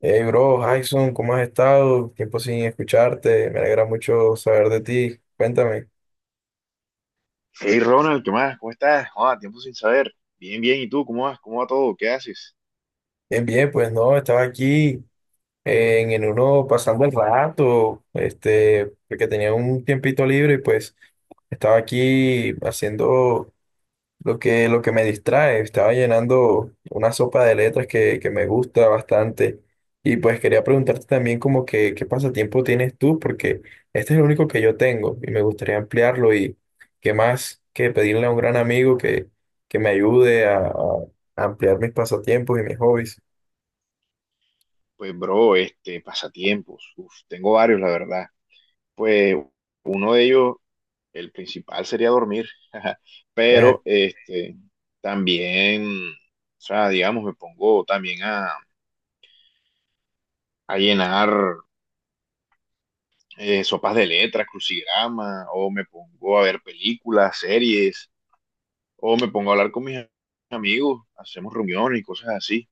Hey, bro, Jason, ¿cómo has estado? Tiempo sin escucharte, me alegra mucho saber de ti. Cuéntame. Hey Ronald, ¿qué más? ¿Cómo estás? Ah, tiempo sin saber. Bien, bien. ¿Y tú? ¿Cómo vas? ¿Cómo va todo? ¿Qué haces? Bien, bien, pues no, estaba aquí en uno pasando el rato, este, porque tenía un tiempito libre y pues estaba aquí haciendo lo que me distrae, estaba llenando una sopa de letras que me gusta bastante. Y pues quería preguntarte también como que qué pasatiempo tienes tú, porque este es el único que yo tengo y me gustaría ampliarlo y qué más que pedirle a un gran amigo que me ayude a ampliar mis pasatiempos y mis hobbies. Pues, bro, pasatiempos. Uf, tengo varios, la verdad. Pues, uno de ellos, el principal sería dormir. Eh, Pero, también, o sea, digamos, me pongo también a llenar sopas de letras, crucigrama, o me pongo a ver películas, series, o me pongo a hablar con mis amigos, hacemos reuniones y cosas así.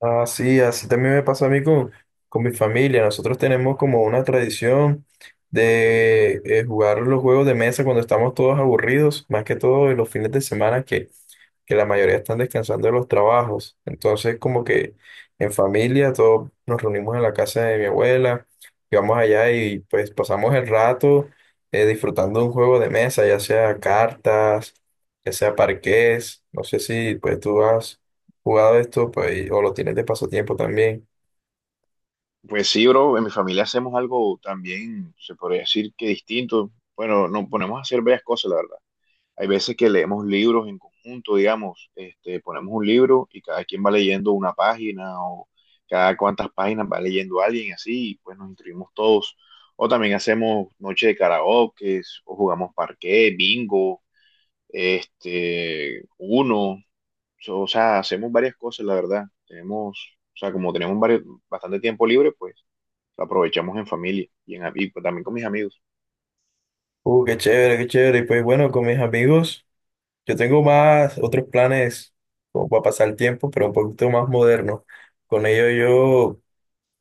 Ah, sí, así también me pasa a mí con mi familia. Nosotros tenemos como una tradición de jugar los juegos de mesa cuando estamos todos aburridos, más que todo en los fines de semana que la mayoría están descansando de los trabajos. Entonces, como que en familia todos nos reunimos en la casa de mi abuela, y vamos allá y pues pasamos el rato disfrutando de un juego de mesa, ya sea cartas, ya sea parqués. No sé si pues tú has jugado esto pues, o lo tienes de pasatiempo también. Pues sí, bro, en mi familia hacemos algo también, se podría decir que distinto. Bueno, nos ponemos a hacer varias cosas, la verdad. Hay veces que leemos libros en conjunto, digamos, ponemos un libro y cada quien va leyendo una página o cada cuantas páginas va leyendo alguien y así, y pues nos instruimos todos. O también hacemos noche de karaoke, o jugamos parqué, bingo, este, uno, o sea, hacemos varias cosas, la verdad. Tenemos, o sea, como tenemos varios, bastante tiempo libre, pues la aprovechamos en familia y pues, también con mis amigos. Qué chévere, qué chévere. Y pues bueno, con mis amigos yo tengo más otros planes como para pasar el tiempo, pero un poquito más moderno. Con ellos yo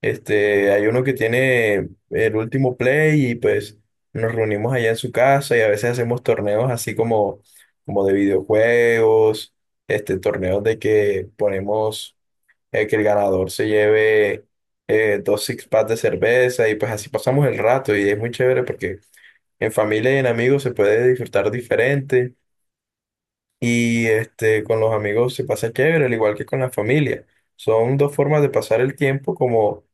este, hay uno que tiene el último play y pues nos reunimos allá en su casa y a veces hacemos torneos así como, como de videojuegos, este, torneos de que ponemos que el ganador se lleve dos six packs de cerveza y pues así pasamos el rato y es muy chévere porque en familia y en amigos se puede disfrutar diferente y este, con los amigos se pasa chévere, al igual que con la familia. Son dos formas de pasar el tiempo como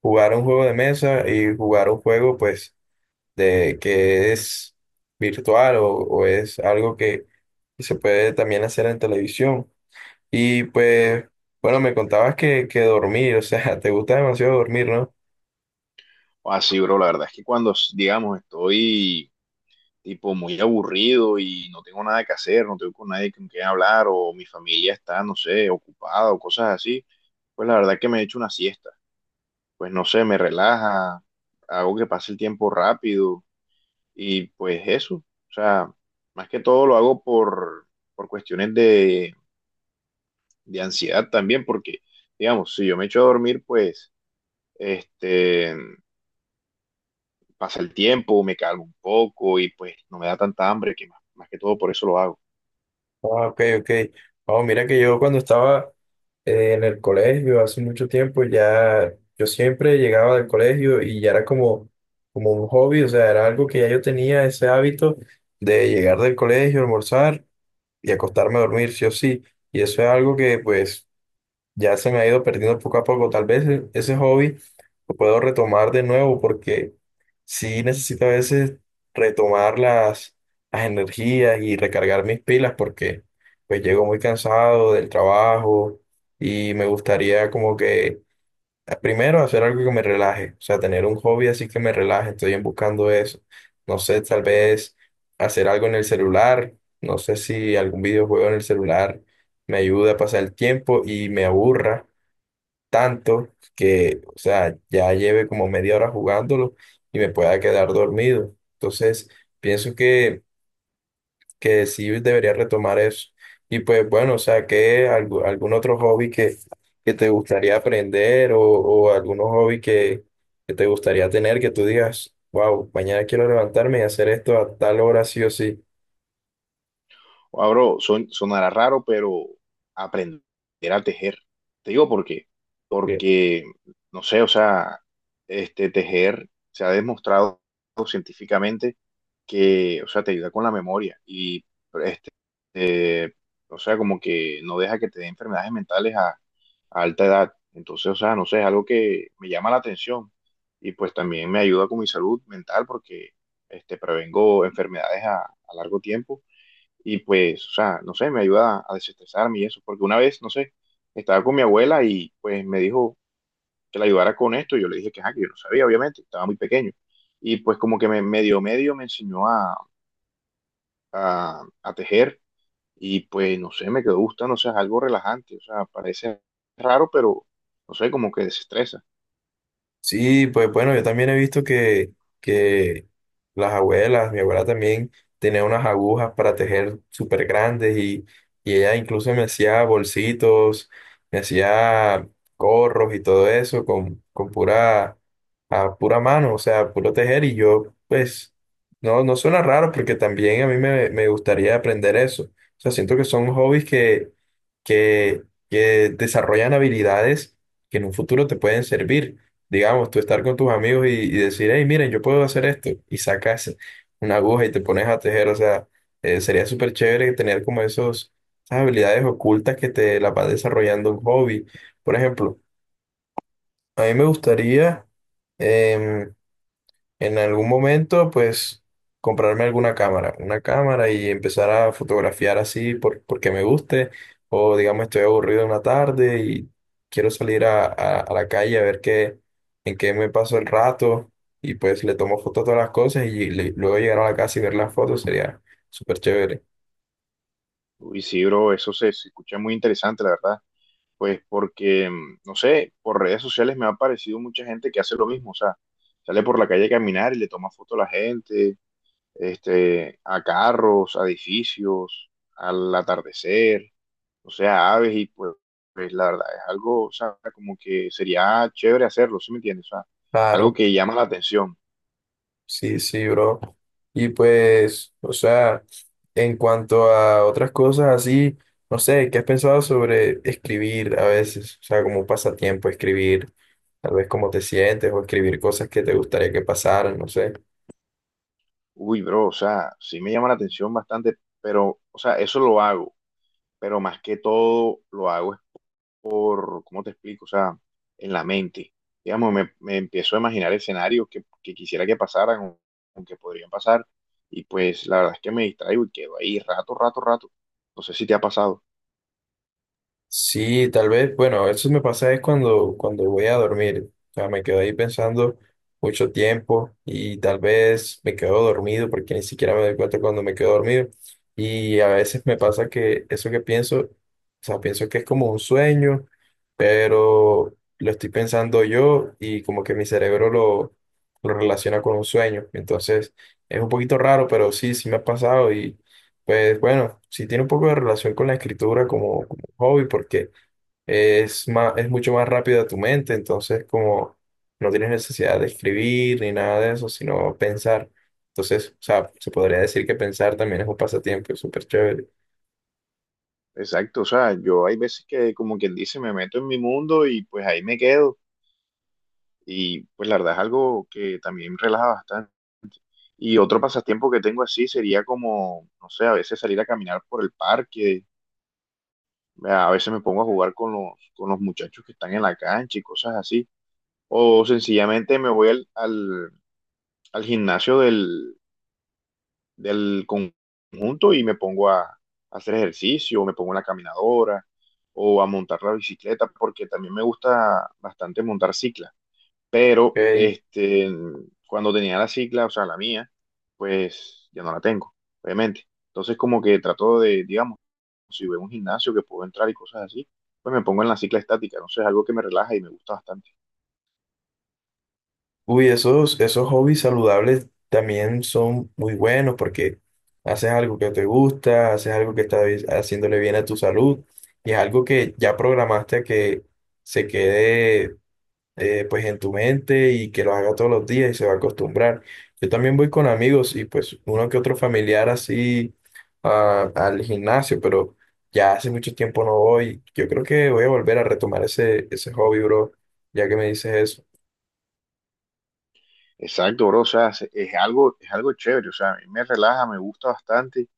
jugar un juego de mesa y jugar un juego pues de que es virtual o es algo que se puede también hacer en televisión. Y pues, bueno, me contabas que dormir, o sea, te gusta demasiado dormir, ¿no? Así, bro, la verdad es que cuando, digamos, estoy tipo muy aburrido y no tengo nada que hacer, no tengo con nadie con quien hablar o mi familia está, no sé, ocupada o cosas así, pues la verdad es que me echo una siesta. Pues no sé, me relaja, hago que pase el tiempo rápido y pues eso. O sea, más que todo lo hago por cuestiones de ansiedad también, porque, digamos, si yo me echo a dormir, pues, este, pasa el tiempo, me calmo un poco y pues no me da tanta hambre, que más, más que todo por eso lo hago. Ah, ok, ok. Oh, mira que yo cuando estaba en el colegio hace mucho tiempo ya, yo siempre llegaba del colegio y ya era como, como un hobby, o sea, era algo que ya yo tenía ese hábito de llegar del colegio, almorzar y acostarme a dormir, sí o sí. Y eso es algo que pues ya se me ha ido perdiendo poco a poco. Tal vez ese hobby lo puedo retomar de nuevo porque sí necesito a veces retomar las energías y recargar mis pilas porque pues llego muy cansado del trabajo y me gustaría como que primero, hacer algo que me relaje, o sea, tener un hobby así que me relaje, estoy en buscando eso. No sé, tal vez hacer algo en el celular, no sé si algún videojuego en el celular me ayuda a pasar el tiempo y me aburra tanto que, o sea, ya lleve como media hora jugándolo y me pueda quedar dormido. Entonces, pienso que sí debería retomar eso. Y pues bueno, o sea, ¿qué algún otro hobby que te gustaría aprender o algunos hobby que te gustaría tener que tú digas, wow, mañana quiero levantarme y hacer esto a tal hora sí o sí? Wow, bro, sonará raro, pero aprender a tejer. Te digo por qué. Porque, no sé, o sea, este tejer se ha demostrado científicamente que, o sea, te ayuda con la memoria y, este, eh, o sea, como que no deja que te dé enfermedades mentales a alta edad. Entonces, o sea, no sé, es algo que me llama la atención y pues también me ayuda con mi salud mental porque, prevengo enfermedades a largo tiempo y pues, o sea, no sé, me ayuda a desestresarme y eso, porque una vez, no sé, estaba con mi abuela y pues me dijo que la ayudara con esto, y yo le dije que, ajá, que yo no sabía, obviamente, estaba muy pequeño. Y pues como que me medio me enseñó a tejer y pues no sé, me quedó gustando, o sea, es algo relajante, o sea, parece raro, pero no sé, como que desestresa. Sí, pues bueno, yo también he visto que las abuelas, mi abuela también tenía unas agujas para tejer súper grandes y ella incluso me hacía bolsitos, me hacía gorros y todo eso con pura, a pura mano, o sea, puro tejer y yo pues no, no suena raro porque también a mí me, me gustaría aprender eso. O sea, siento que son hobbies que, que desarrollan habilidades que en un futuro te pueden servir, digamos, tú estar con tus amigos y decir, hey, miren, yo puedo hacer esto, y sacas una aguja y te pones a tejer, o sea, sería súper chévere tener como esos, esas habilidades ocultas que te las va desarrollando un hobby. Por ejemplo, a mí me gustaría, em, en algún momento, pues, comprarme alguna cámara, una cámara y empezar a fotografiar así porque me guste, o digamos, estoy aburrido una tarde y quiero salir a, a la calle a ver qué, en qué me paso el rato, y pues le tomo fotos a todas las cosas y luego llegar a la casa y ver las fotos sería súper chévere. Y sí, bro, eso se escucha muy interesante, la verdad. Pues porque, mm, no sé, por redes sociales me ha aparecido mucha gente que hace lo mismo, o sea, sale por la calle a caminar y le toma foto a la gente, este, a carros, a edificios, al atardecer, o sea, a aves y pues, pues, la verdad es algo, o sea, como que sería chévere hacerlo, ¿sí me entiendes? O sea, algo Claro. que llama la atención. Sí, sí, bro. Y pues, o sea, en cuanto a otras cosas así, no sé, ¿qué has pensado sobre escribir a veces? O sea, como un pasatiempo, escribir, tal vez cómo te sientes o escribir cosas que te gustaría que pasaran, no sé. Uy, bro, o sea, sí me llama la atención bastante, pero, o sea, eso lo hago, pero más que todo lo hago por, ¿cómo te explico? O sea, en la mente. Digamos, me empiezo a imaginar escenarios que quisiera que pasaran o que podrían pasar y pues la verdad es que me distraigo y quedo ahí rato, rato, rato. No sé si te ha pasado. Sí, tal vez, bueno, eso me pasa es cuando, cuando voy a dormir. O sea, me quedo ahí pensando mucho tiempo y tal vez me quedo dormido porque ni siquiera me doy cuenta cuando me quedo dormido. Y a veces me pasa que eso que pienso, o sea, pienso que es como un sueño, pero lo estoy pensando yo y como que mi cerebro lo relaciona con un sueño. Entonces, es un poquito raro, pero sí, sí me ha pasado y pues bueno, sí tiene un poco de relación con la escritura como hobby porque es más, es mucho más rápido a tu mente, entonces como no tienes necesidad de escribir ni nada de eso, sino pensar. Entonces, o sea, se podría decir que pensar también es un pasatiempo, es súper chévere. Exacto, o sea, yo hay veces que como quien dice me meto en mi mundo y pues ahí me quedo y pues la verdad es algo que también relaja bastante. Y otro pasatiempo que tengo así sería como, no sé, a veces salir a caminar por el parque, a veces me pongo a jugar con los muchachos que están en la cancha y cosas así. O sencillamente me voy al gimnasio del conjunto y me pongo a hacer ejercicio, o me pongo en la caminadora o a montar la bicicleta, porque también me gusta bastante montar cicla. Pero Ok. Cuando tenía la cicla, o sea, la mía, pues ya no la tengo, obviamente. Entonces como que trato de, digamos, si veo un gimnasio que puedo entrar y cosas así, pues me pongo en la cicla estática. Entonces es algo que me relaja y me gusta bastante. Uy, esos, esos hobbies saludables también son muy buenos porque haces algo que te gusta, haces algo que está haciéndole bien a tu salud y es algo que ya programaste a que se quede pues en tu mente y que lo haga todos los días y se va a acostumbrar. Yo también voy con amigos y pues uno que otro familiar así ah, al gimnasio, pero ya hace mucho tiempo no voy. Yo creo que voy a volver a retomar ese, ese hobby, bro, ya que me dices eso. Exacto, bro, o sea, es algo chévere, o sea, a mí me relaja, me gusta bastante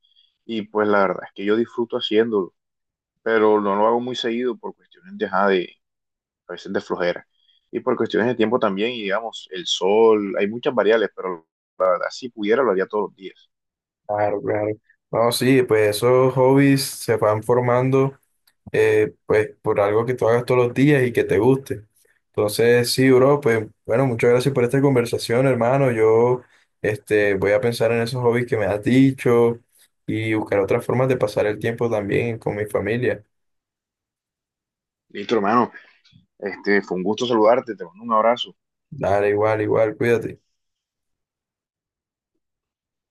y pues la verdad es que yo disfruto haciéndolo, pero no lo hago muy seguido por cuestiones de, ajá, de a veces de flojera y por cuestiones de tiempo también y digamos, el sol, hay muchas variables, pero la verdad si pudiera lo haría todos los días. Claro, claro. No, sí, pues esos hobbies se van formando pues por algo que tú hagas todos los días y que te guste. Entonces, sí, bro, pues bueno, muchas gracias por esta conversación, hermano. Yo este, voy a pensar en esos hobbies que me has dicho y buscar otras formas de pasar el tiempo también con mi familia. Listo, hermano, fue un gusto saludarte, te mando un abrazo. Dale, igual, igual, cuídate.